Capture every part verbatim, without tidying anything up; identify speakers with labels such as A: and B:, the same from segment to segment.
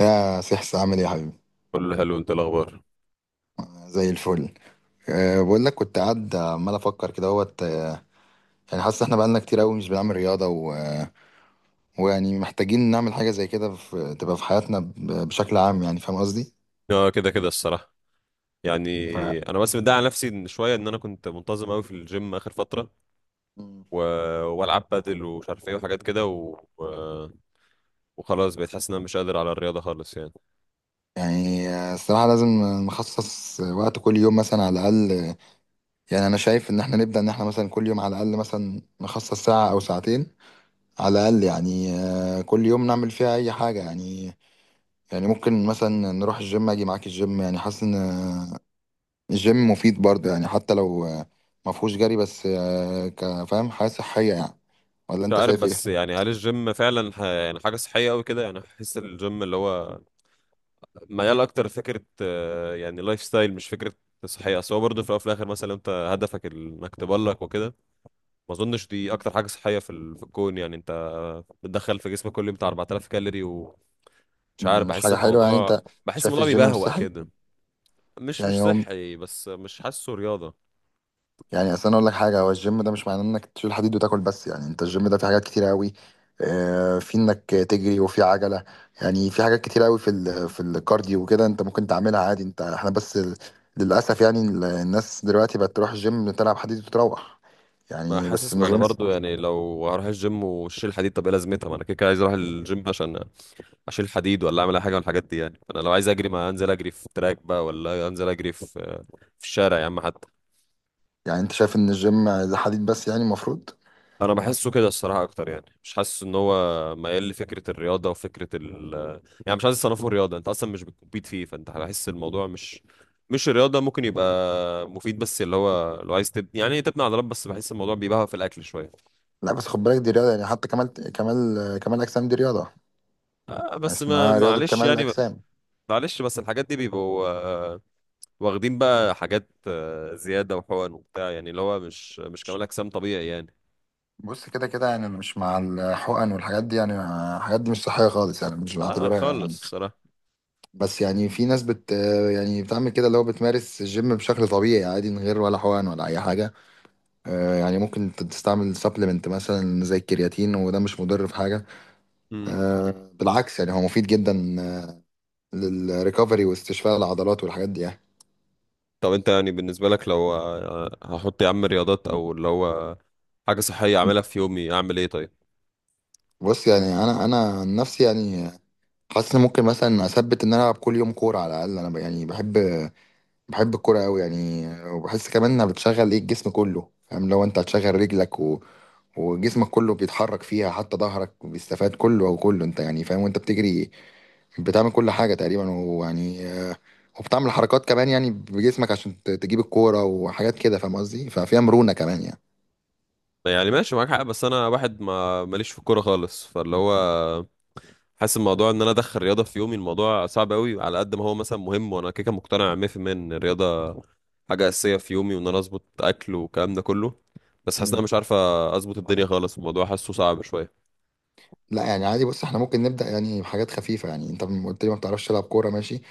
A: يا سحس، عامل ايه يا حبيبي؟
B: كله حلو، انت الاخبار؟
A: زي الفل. أه بقول لك كنت قاعد عمال افكر كده اهوت. آه، يعني حاسس احنا بقالنا كتير قوي مش بنعمل رياضه و... ويعني محتاجين نعمل حاجه زي كده في... تبقى في حياتنا ب... بشكل عام، يعني فاهم قصدي؟
B: اه، كده كده الصراحه. يعني
A: ف...
B: انا بس متضايق على نفسي ان شويه ان انا كنت منتظم قوي في الجيم اخر فتره
A: مم.
B: و... والعب بادل ومش عارف ايه وحاجات كده و... و... وخلاص بقيت حاسس ان انا مش قادر على الرياضه خالص يعني.
A: يعني آه، الصراحه لازم نخصص وقت كل يوم مثلا على الاقل. آه، يعني انا شايف ان احنا نبدا ان احنا مثلا كل يوم على الاقل مثلا نخصص ساعه او ساعتين على الاقل، يعني آه، كل يوم نعمل فيها اي حاجه، يعني. يعني ممكن مثلا نروح الجيم، اجي معاك الجيم. يعني حاسس ان الجيم مفيد برضه، يعني حتى لو آه، ما فيهوش جري، بس آه، كفاهم حاجة صحية، يعني. ولا
B: مش
A: انت
B: عارف،
A: شايف ايه؟
B: بس يعني هل الجيم فعلا ح... يعني حاجه صحيه قوي كده؟ يعني بحس الجيم اللي هو ميال اكتر فكره آه، يعني لايف ستايل، مش فكره صحيه. اصل هو برضه في الأول وفي الاخر مثلا لو انت هدفك ال- انك تبلك وكده، ما اظنش دي اكتر حاجه صحيه في ال... في الكون. يعني انت بتدخل في جسمك كل يوم بتاع أربعة آلاف كالوري ومش عارف.
A: مم، مش
B: بحس
A: حاجة حلوة يعني.
B: الموضوع،
A: انت
B: بحس
A: شايف
B: الموضوع
A: الجيم مش
B: بيبهوأ
A: صحي؟
B: كده. مش مش
A: يعني هو،
B: صحي، بس مش حاسه رياضة.
A: يعني اصل انا اقول لك حاجة، هو الجيم ده مش معناه انك تشيل حديد وتاكل بس، يعني انت الجيم ده فيه حاجات كتير قوي. آه، في انك تجري وفي عجلة، يعني في حاجات كتير قوي في ال في الكارديو وكده، انت ممكن تعملها عادي. انت احنا بس ال- للأسف يعني ال- الناس دلوقتي بقت تروح الجيم تلعب حديد وتروح،
B: ما
A: يعني. بس
B: حاسس،
A: ما
B: ما انا
A: اظنش.
B: برضو يعني لو هروح الجيم واشيل حديد، طب ايه لازمتها؟ ما انا كده كده عايز اروح الجيم عشان اشيل حديد ولا اعمل اي حاجه من الحاجات دي يعني. انا لو عايز اجري ما انزل اجري في تراك بقى، ولا انزل اجري في في الشارع يا عم حتى.
A: يعني انت شايف ان الجيم ده حديد بس؟ يعني المفروض
B: انا بحسه كده الصراحه اكتر، يعني مش حاسس ان هو ميال لفكره الرياضه وفكره ال. يعني مش عايز اصنفه رياضه، انت اصلا مش بتكمبيت فيه فانت هحس الموضوع مش مش الرياضه ممكن يبقى مفيد، بس اللي هو لو عايز تب... يعني تبني عضلات، بس بحس الموضوع بيبقى في الاكل شويه.
A: لا. بس خد بالك دي رياضه، يعني حتى كمال كمال كمال الاجسام دي رياضه.
B: آه
A: يعني
B: بس، ما
A: اسمها رياضه
B: معلش
A: كمال
B: يعني.
A: الاجسام.
B: معلش بس الحاجات دي بيبقوا آه واخدين بقى حاجات آه زياده وحقن وبتاع، يعني اللي هو مش مش كمال اجسام طبيعي يعني.
A: بص، كده كده يعني انا مش مع الحقن والحاجات دي، يعني. الحاجات دي مش صحيه خالص، يعني مش
B: اه
A: بعتبرها،
B: خالص
A: يعني.
B: صراحه.
A: بس يعني في ناس بت يعني بتعمل كده، اللي هو بتمارس الجيم بشكل طبيعي عادي من غير ولا حقن ولا اي حاجه. آه، يعني ممكن تستعمل سبلمنت مثلا زي الكرياتين، وده مش مضر في حاجه. آه، بالعكس يعني هو مفيد جدا للريكفري واستشفاء العضلات والحاجات دي، يعني.
B: طب انت يعني بالنسبة لك لو آه، هحط يا عم رياضات او اللي هو حاجة صحية اعملها في يومي، اعمل ايه طيب؟
A: بص، يعني انا انا عن نفسي، يعني حاسس ان ممكن مثلا اثبت ان انا العب كل يوم كوره على الاقل. انا ب- يعني بحب بحب الكوره قوي، يعني. وبحس كمان انها بتشغل ايه الجسم كله، فاهم؟ لو انت هتشغل رجلك و... وجسمك كله بيتحرك فيها، حتى ظهرك بيستفاد كله او كله، انت يعني فاهم. وانت بتجري بتعمل كل حاجه تقريبا، ويعني آه، وبتعمل حركات كمان يعني بجسمك عشان ت- تجيب الكوره وحاجات كده، فاهم قصدي؟ ففيها مرونه كمان،
B: يعني ماشي معاك حق، بس انا واحد ما ماليش في الكورة خالص، فاللي هو حاسس الموضوع ان انا ادخل رياضة في يومي، الموضوع صعب قوي على قد ما هو مثلا مهم. وانا كده كده مقتنع مية في المية ان الرياضة حاجة أساسية في يومي، وان انا اظبط اكل والكلام ده كله، بس حاسس ان
A: يعني.
B: انا مش عارف اظبط الدنيا خالص، الموضوع حاسه صعب شوية.
A: لا يعني عادي. بص، احنا ممكن نبدأ يعني بحاجات خفيفة. يعني انت م- قلت لي ما بتعرفش تلعب كورة، ماشي.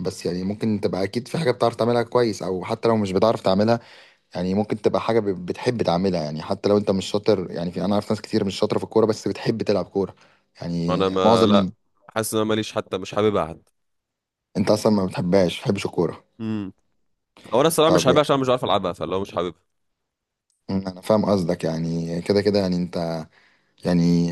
A: بس يعني ممكن تبقى اكيد في حاجة بتعرف تعملها كويس، او حتى لو مش بتعرف تعملها يعني ممكن تبقى حاجة ب- بتحب تعملها. يعني حتى لو انت مش شاطر، يعني في، انا عارف ناس كتير مش شاطرة في الكورة بس بتحب تلعب كورة. يعني
B: انا ما
A: معظم،
B: لا حاسس ان انا ماليش حتى، مش حاببها حتى.
A: انت اصلا ما بتحبهاش، ما بتحبش الكورة.
B: امم او انا الصراحة مش
A: طب
B: حاببها
A: يعني
B: عشان انا مش عارف العبها، فاللي هو مش حاببها.
A: انا فاهم قصدك، يعني كده كده يعني انت يعني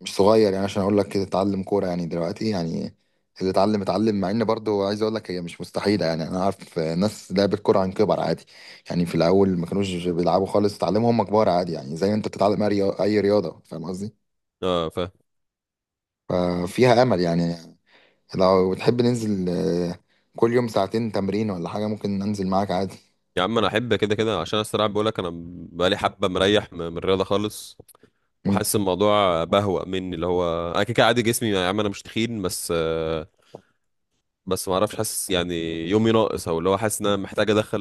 A: مش صغير يعني عشان اقول لك كده اتعلم كوره يعني دلوقتي. يعني اللي اتعلم اتعلم، مع ان برضه عايز اقول لك هي مش مستحيله. يعني انا عارف ناس لعبت كوره عن كبر عادي، يعني في الاول ما كانوش بيلعبوا خالص، اتعلموا هم كبار عادي. يعني زي انت بتتعلم اي رياضه، أي رياضة، فاهم قصدي؟
B: اه فاهم.
A: آه، فيها امل يعني. لو تحب ننزل آه، كل يوم ساعتين تمرين ولا حاجه، ممكن ننزل معاك عادي.
B: يا عم انا احب كده كده، عشان الصراحه بقول لك انا بقالي حبه مريح م- من الرياضه خالص.
A: مم.
B: وحاسس الموضوع بهوأ مني، اللي هو انا كده كده عادي جسمي يا عم، انا مش تخين، بس آه، بس ما اعرفش، حاسس يعني يومي ناقص، او اللي هو حاسس ان انا محتاج ادخل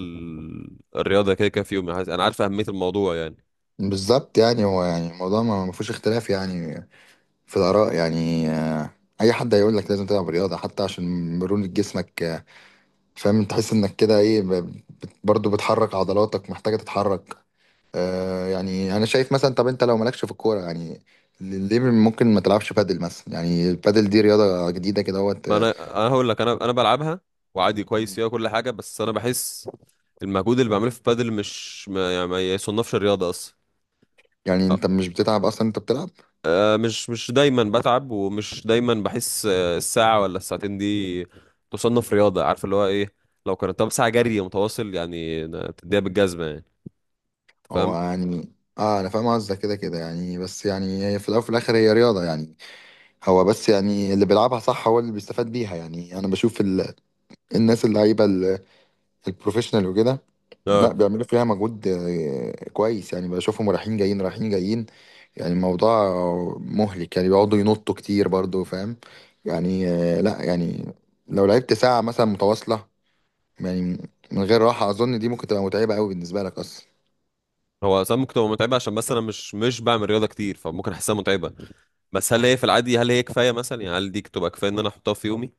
B: الرياضه كده كده في يومي. حاسس انا عارف اهميه الموضوع يعني.
A: بالظبط، يعني هو يعني الموضوع ما ما فيهوش اختلاف يعني في الآراء. يعني آه، أي حد هيقول لك لازم تلعب رياضة حتى عشان مرونة جسمك. آه، فاهم، تحس إنك كده إيه، ب- بت- برضو بتحرك عضلاتك محتاجة تتحرك. آه، يعني أنا شايف مثلا، طب أنت لو مالكش في الكورة، يعني ليه ممكن ما تلعبش بادل مثلا؟ يعني البادل دي رياضة جديدة كده اهوت.
B: ما
A: آه،
B: انا انا هقول لك انا انا بلعبها وعادي كويس فيها وكل حاجه، بس انا بحس المجهود اللي بعمله في بادل مش، ما يعني ما يصنفش رياضه اصلا.
A: يعني أنت مش بتتعب أصلا، أنت بتلعب.
B: مش مش دايما بتعب، ومش دايما بحس آه، الساعة ولا الساعتين دي تصنف رياضة، عارف اللي هو ايه؟ لو كانت طب ساعة جري متواصل، يعني تديها بالجزمة، يعني أنت
A: هو
B: فاهم.
A: يعني اه انا فاهم قصدك، كده كده يعني. بس يعني هي في الاول وفي الاخر هي رياضه، يعني. هو بس يعني اللي بيلعبها صح هو اللي بيستفاد بيها، يعني. انا بشوف الناس اللعيبه ال- البروفيشنال وكده، لا
B: اه
A: بيعملوا فيها مجهود آه، كويس. يعني بشوفهم رايحين جايين رايحين جايين، يعني الموضوع مهلك، يعني بيقعدوا ينطوا كتير برضو، فاهم؟ يعني آه، لا يعني لو لعبت ساعة مثلا متواصلة، يعني من غير راحة، أظن دي ممكن تبقى متعبة قوي بالنسبة لك أصلا.
B: هو ساعات ممكن تبقى متعبة، عشان بس انا مش مش بعمل رياضة كتير، فممكن احسها متعبة. بس هل هي في العادي، هل هي كفاية مثلا؟ يعني هل دي تبقى كفاية ان انا احطها في يومي؟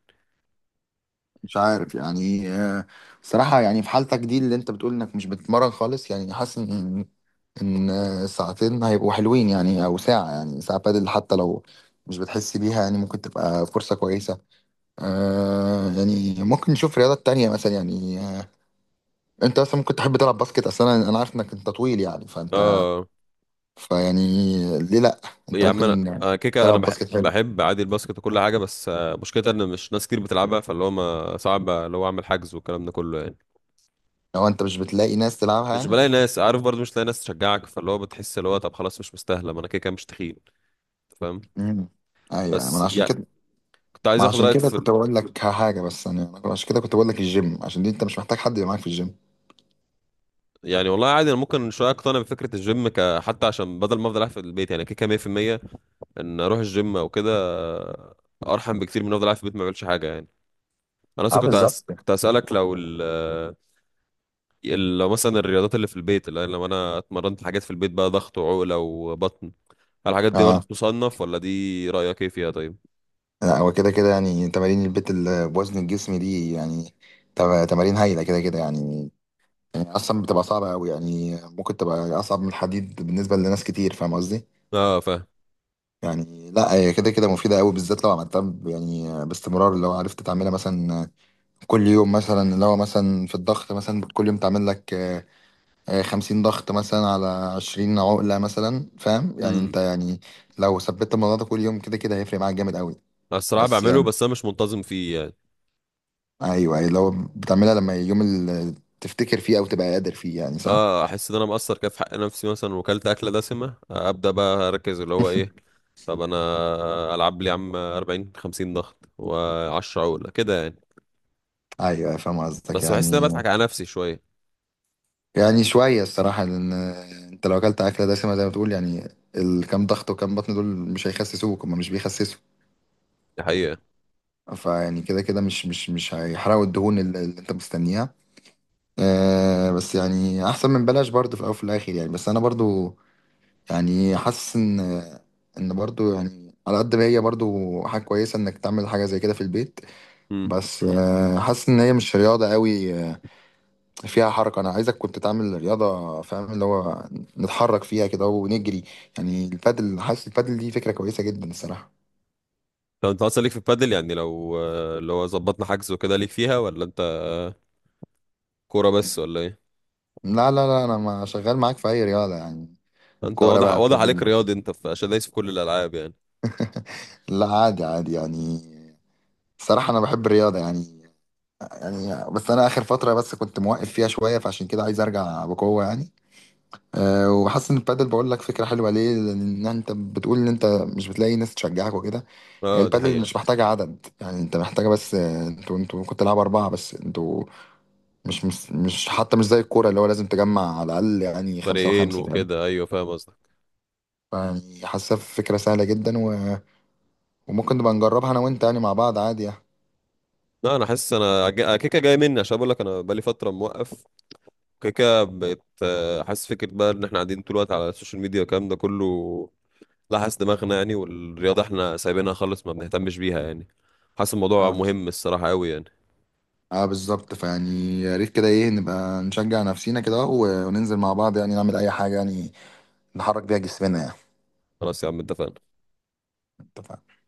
A: مش عارف يعني، آه، صراحة يعني في حالتك دي اللي أنت بتقول إنك مش بتتمرن خالص، يعني حاسس إن ان ساعتين هيبقوا حلوين، يعني او ساعة. يعني ساعة بادل حتى لو مش بتحسي بيها، يعني ممكن تبقى فرصة كويسة. آه، يعني ممكن نشوف رياضة تانية مثلا. يعني آه، انت مثلا ممكن تحب تلعب باسكت اصلا. انا أنا عارف انك انت طويل، يعني فانت
B: اه
A: فيعني ليه لا؟ انت
B: يا عم، انا
A: ممكن
B: أنا كده كده انا
A: تلعب
B: بحب
A: باسكت حلو،
B: بحب عادي الباسكت وكل حاجة، بس آه، مشكلتها ان مش ناس كتير بتلعبها، فاللي هو ما صعب اللي هو اعمل حجز والكلام ده كله يعني.
A: لو انت مش بتلاقي ناس تلعبها
B: مش
A: يعني.
B: بلاقي ناس، عارف، برضو مش لاقي ناس تشجعك، فاللي هو بتحس اللي هو طب خلاص مش مستاهله، ما انا كده كده مش تخين، فاهم.
A: امم. ايوه يعني ما أنا
B: بس
A: عشان
B: يعني
A: كده،
B: كنت عايز
A: ما
B: اخد
A: عشان
B: رايك
A: كده
B: في
A: كنت
B: ال-
A: بقول لك حاجة. بس يعني أنا عشان كده كنت بقول لك الجيم عشان دي انت مش محتاج حد يبقى معاك في الجيم.
B: يعني والله عادي، انا ممكن شويه اقتنع بفكره الجيم ك حتى، عشان بدل ما افضل قاعد في البيت، يعني كده كده مية في المية ان اروح الجيم او كده آه، ارحم بكتير من افضل قاعد في البيت ما بعملش حاجه يعني. انا
A: اه
B: اصلا كنت
A: بالظبط.
B: أس... كنت اسالك لو ال... آه، ال- لو مثلا الرياضات اللي في البيت، اللي لما انا اتمرنت حاجات في البيت بقى ضغط وعقله وبطن، هل الحاجات دي برضه تصنف، ولا دي رايك ايه فيها طيب؟
A: لا هو كده كده يعني، تمارين البيت اللي بوزن الجسم دي يعني تم- تمارين هايلة كده كده، يعني. يعني أصلا بتبقى صعبة أوي، يعني ممكن تبقى أصعب من الحديد بالنسبة لناس كتير، فاهم قصدي؟
B: اه
A: يعني لا هي كده كده مفيدة أوي، بالذات لو عملتها ب- يعني باستمرار. لو عرفت تعملها مثلا كل يوم، مثلا لو مثلا في الضغط مثلا كل يوم تعمل لك آه، آه، 50 ضغط مثلا، على 20 عقلة مثلا، فاهم؟ يعني
B: فاهم.
A: أنت يعني لو ثبت الموضوع ده كل يوم، كده كده هيفرق معاك جامد أوي.
B: أنا الصراحة
A: بس
B: بعمله،
A: يعني
B: بس أنا مش منتظم فيه يعني.
A: ايوه، ايوه، لو بتعملها لما يوم اللي تفتكر فيه او تبقى قادر فيه، يعني صح.
B: اه أحس إن أنا مقصر كده في حق نفسي، مثلا وكلت أكلة دسمة أبدأ بقى أركز اللي هو إيه. طب أنا ألعب لي يا عم أربعين خمسين ضغط و10 عقلة كده يعني.
A: ايوه فاهم قصدك،
B: بس بحس إن أنا
A: يعني.
B: بضحك على نفسي شوية.
A: يعني شويه الصراحه، لان انت لو اكلت اكله دسمه زي ما بتقول، يعني الكام ضغط وكام بطن دول مش هيخسسوك، هما مش بيخسسوا.
B: دي حقيقة.
A: فيعني كده كده مش مش مش هيحرقوا الدهون اللي, اللي انت مستنيها. أه بس يعني احسن من بلاش برضه في الاول وفي الاخر، يعني. بس انا برضه يعني حاسس ان ان برضه يعني على قد ما هي برضه حاجه كويسه انك تعمل حاجه زي كده في البيت،
B: امم
A: بس آه، حاسس ان هي مش رياضه قوي. آه، فيها حركه. انا عايزك كنت تعمل رياضه، فاهم؟ اللي هو نتحرك فيها كده ونجري. يعني البادل، حاسس البادل دي فكره كويسه جدا الصراحه.
B: طب أنت أصلا ليك في البادل؟ يعني لو اللي هو ظبطنا حجز وكده ليك فيها، ولا أنت كورة بس ولا إيه؟
A: لا لا لا، انا ما شغال معاك في اي رياضه، يعني
B: أنت
A: كوره
B: واضح،
A: بقى
B: واضح عليك
A: بادل.
B: رياضي، أنت في- عشان دايس في كل الألعاب يعني.
A: لا عادي عادي، يعني الصراحه انا بحب الرياضه، يعني. يعني بس انا اخر فتره بس كنت موقف فيها شويه، فعشان كده عايز ارجع بقوه يعني. أه وحاسس ان البادل، بقول لك فكره حلوه ليه، لان انت بتقول ان انت مش بتلاقي ناس تشجعك وكده. هي
B: اه دي
A: البادل
B: حقيقة.
A: مش محتاجة عدد، يعني انت محتاجة بس. آه، انتوا انتوا ممكن تلعبوا أربعة بس. انتوا مش مش مش حتى مش زي الكورة اللي هو لازم تجمع على الأقل يعني خمسة
B: فريقين
A: وخمسة، فاهم؟
B: وكده أيوه، فاهم قصدك.
A: يعني حاسة فكرة سهلة جدا و... وممكن نبقى نجربها أنا وأنت، يعني مع بعض عادي يعني.
B: لا انا حاسس انا جا- كيكه جاي مني، عشان بقول لك انا بقالي فتره موقف. كيكه بقت آه، حاسس فكره بقى ان احنا قاعدين طول الوقت على السوشيال ميديا والكلام ده كله لحس دماغنا يعني، والرياضه احنا سايبينها خالص، ما بنهتمش بيها يعني، حاسس الموضوع
A: اه بز-
B: مهم الصراحه قوي يعني.
A: آه، بالظبط. فيعني يا ريت كده إيه نبقى نشجع نفسينا كده و... وننزل مع بعض، يعني نعمل أي حاجة، يعني نحرك بيها جسمنا، يعني.
B: خلاص يا عم، اتفقنا.
A: اتفقنا.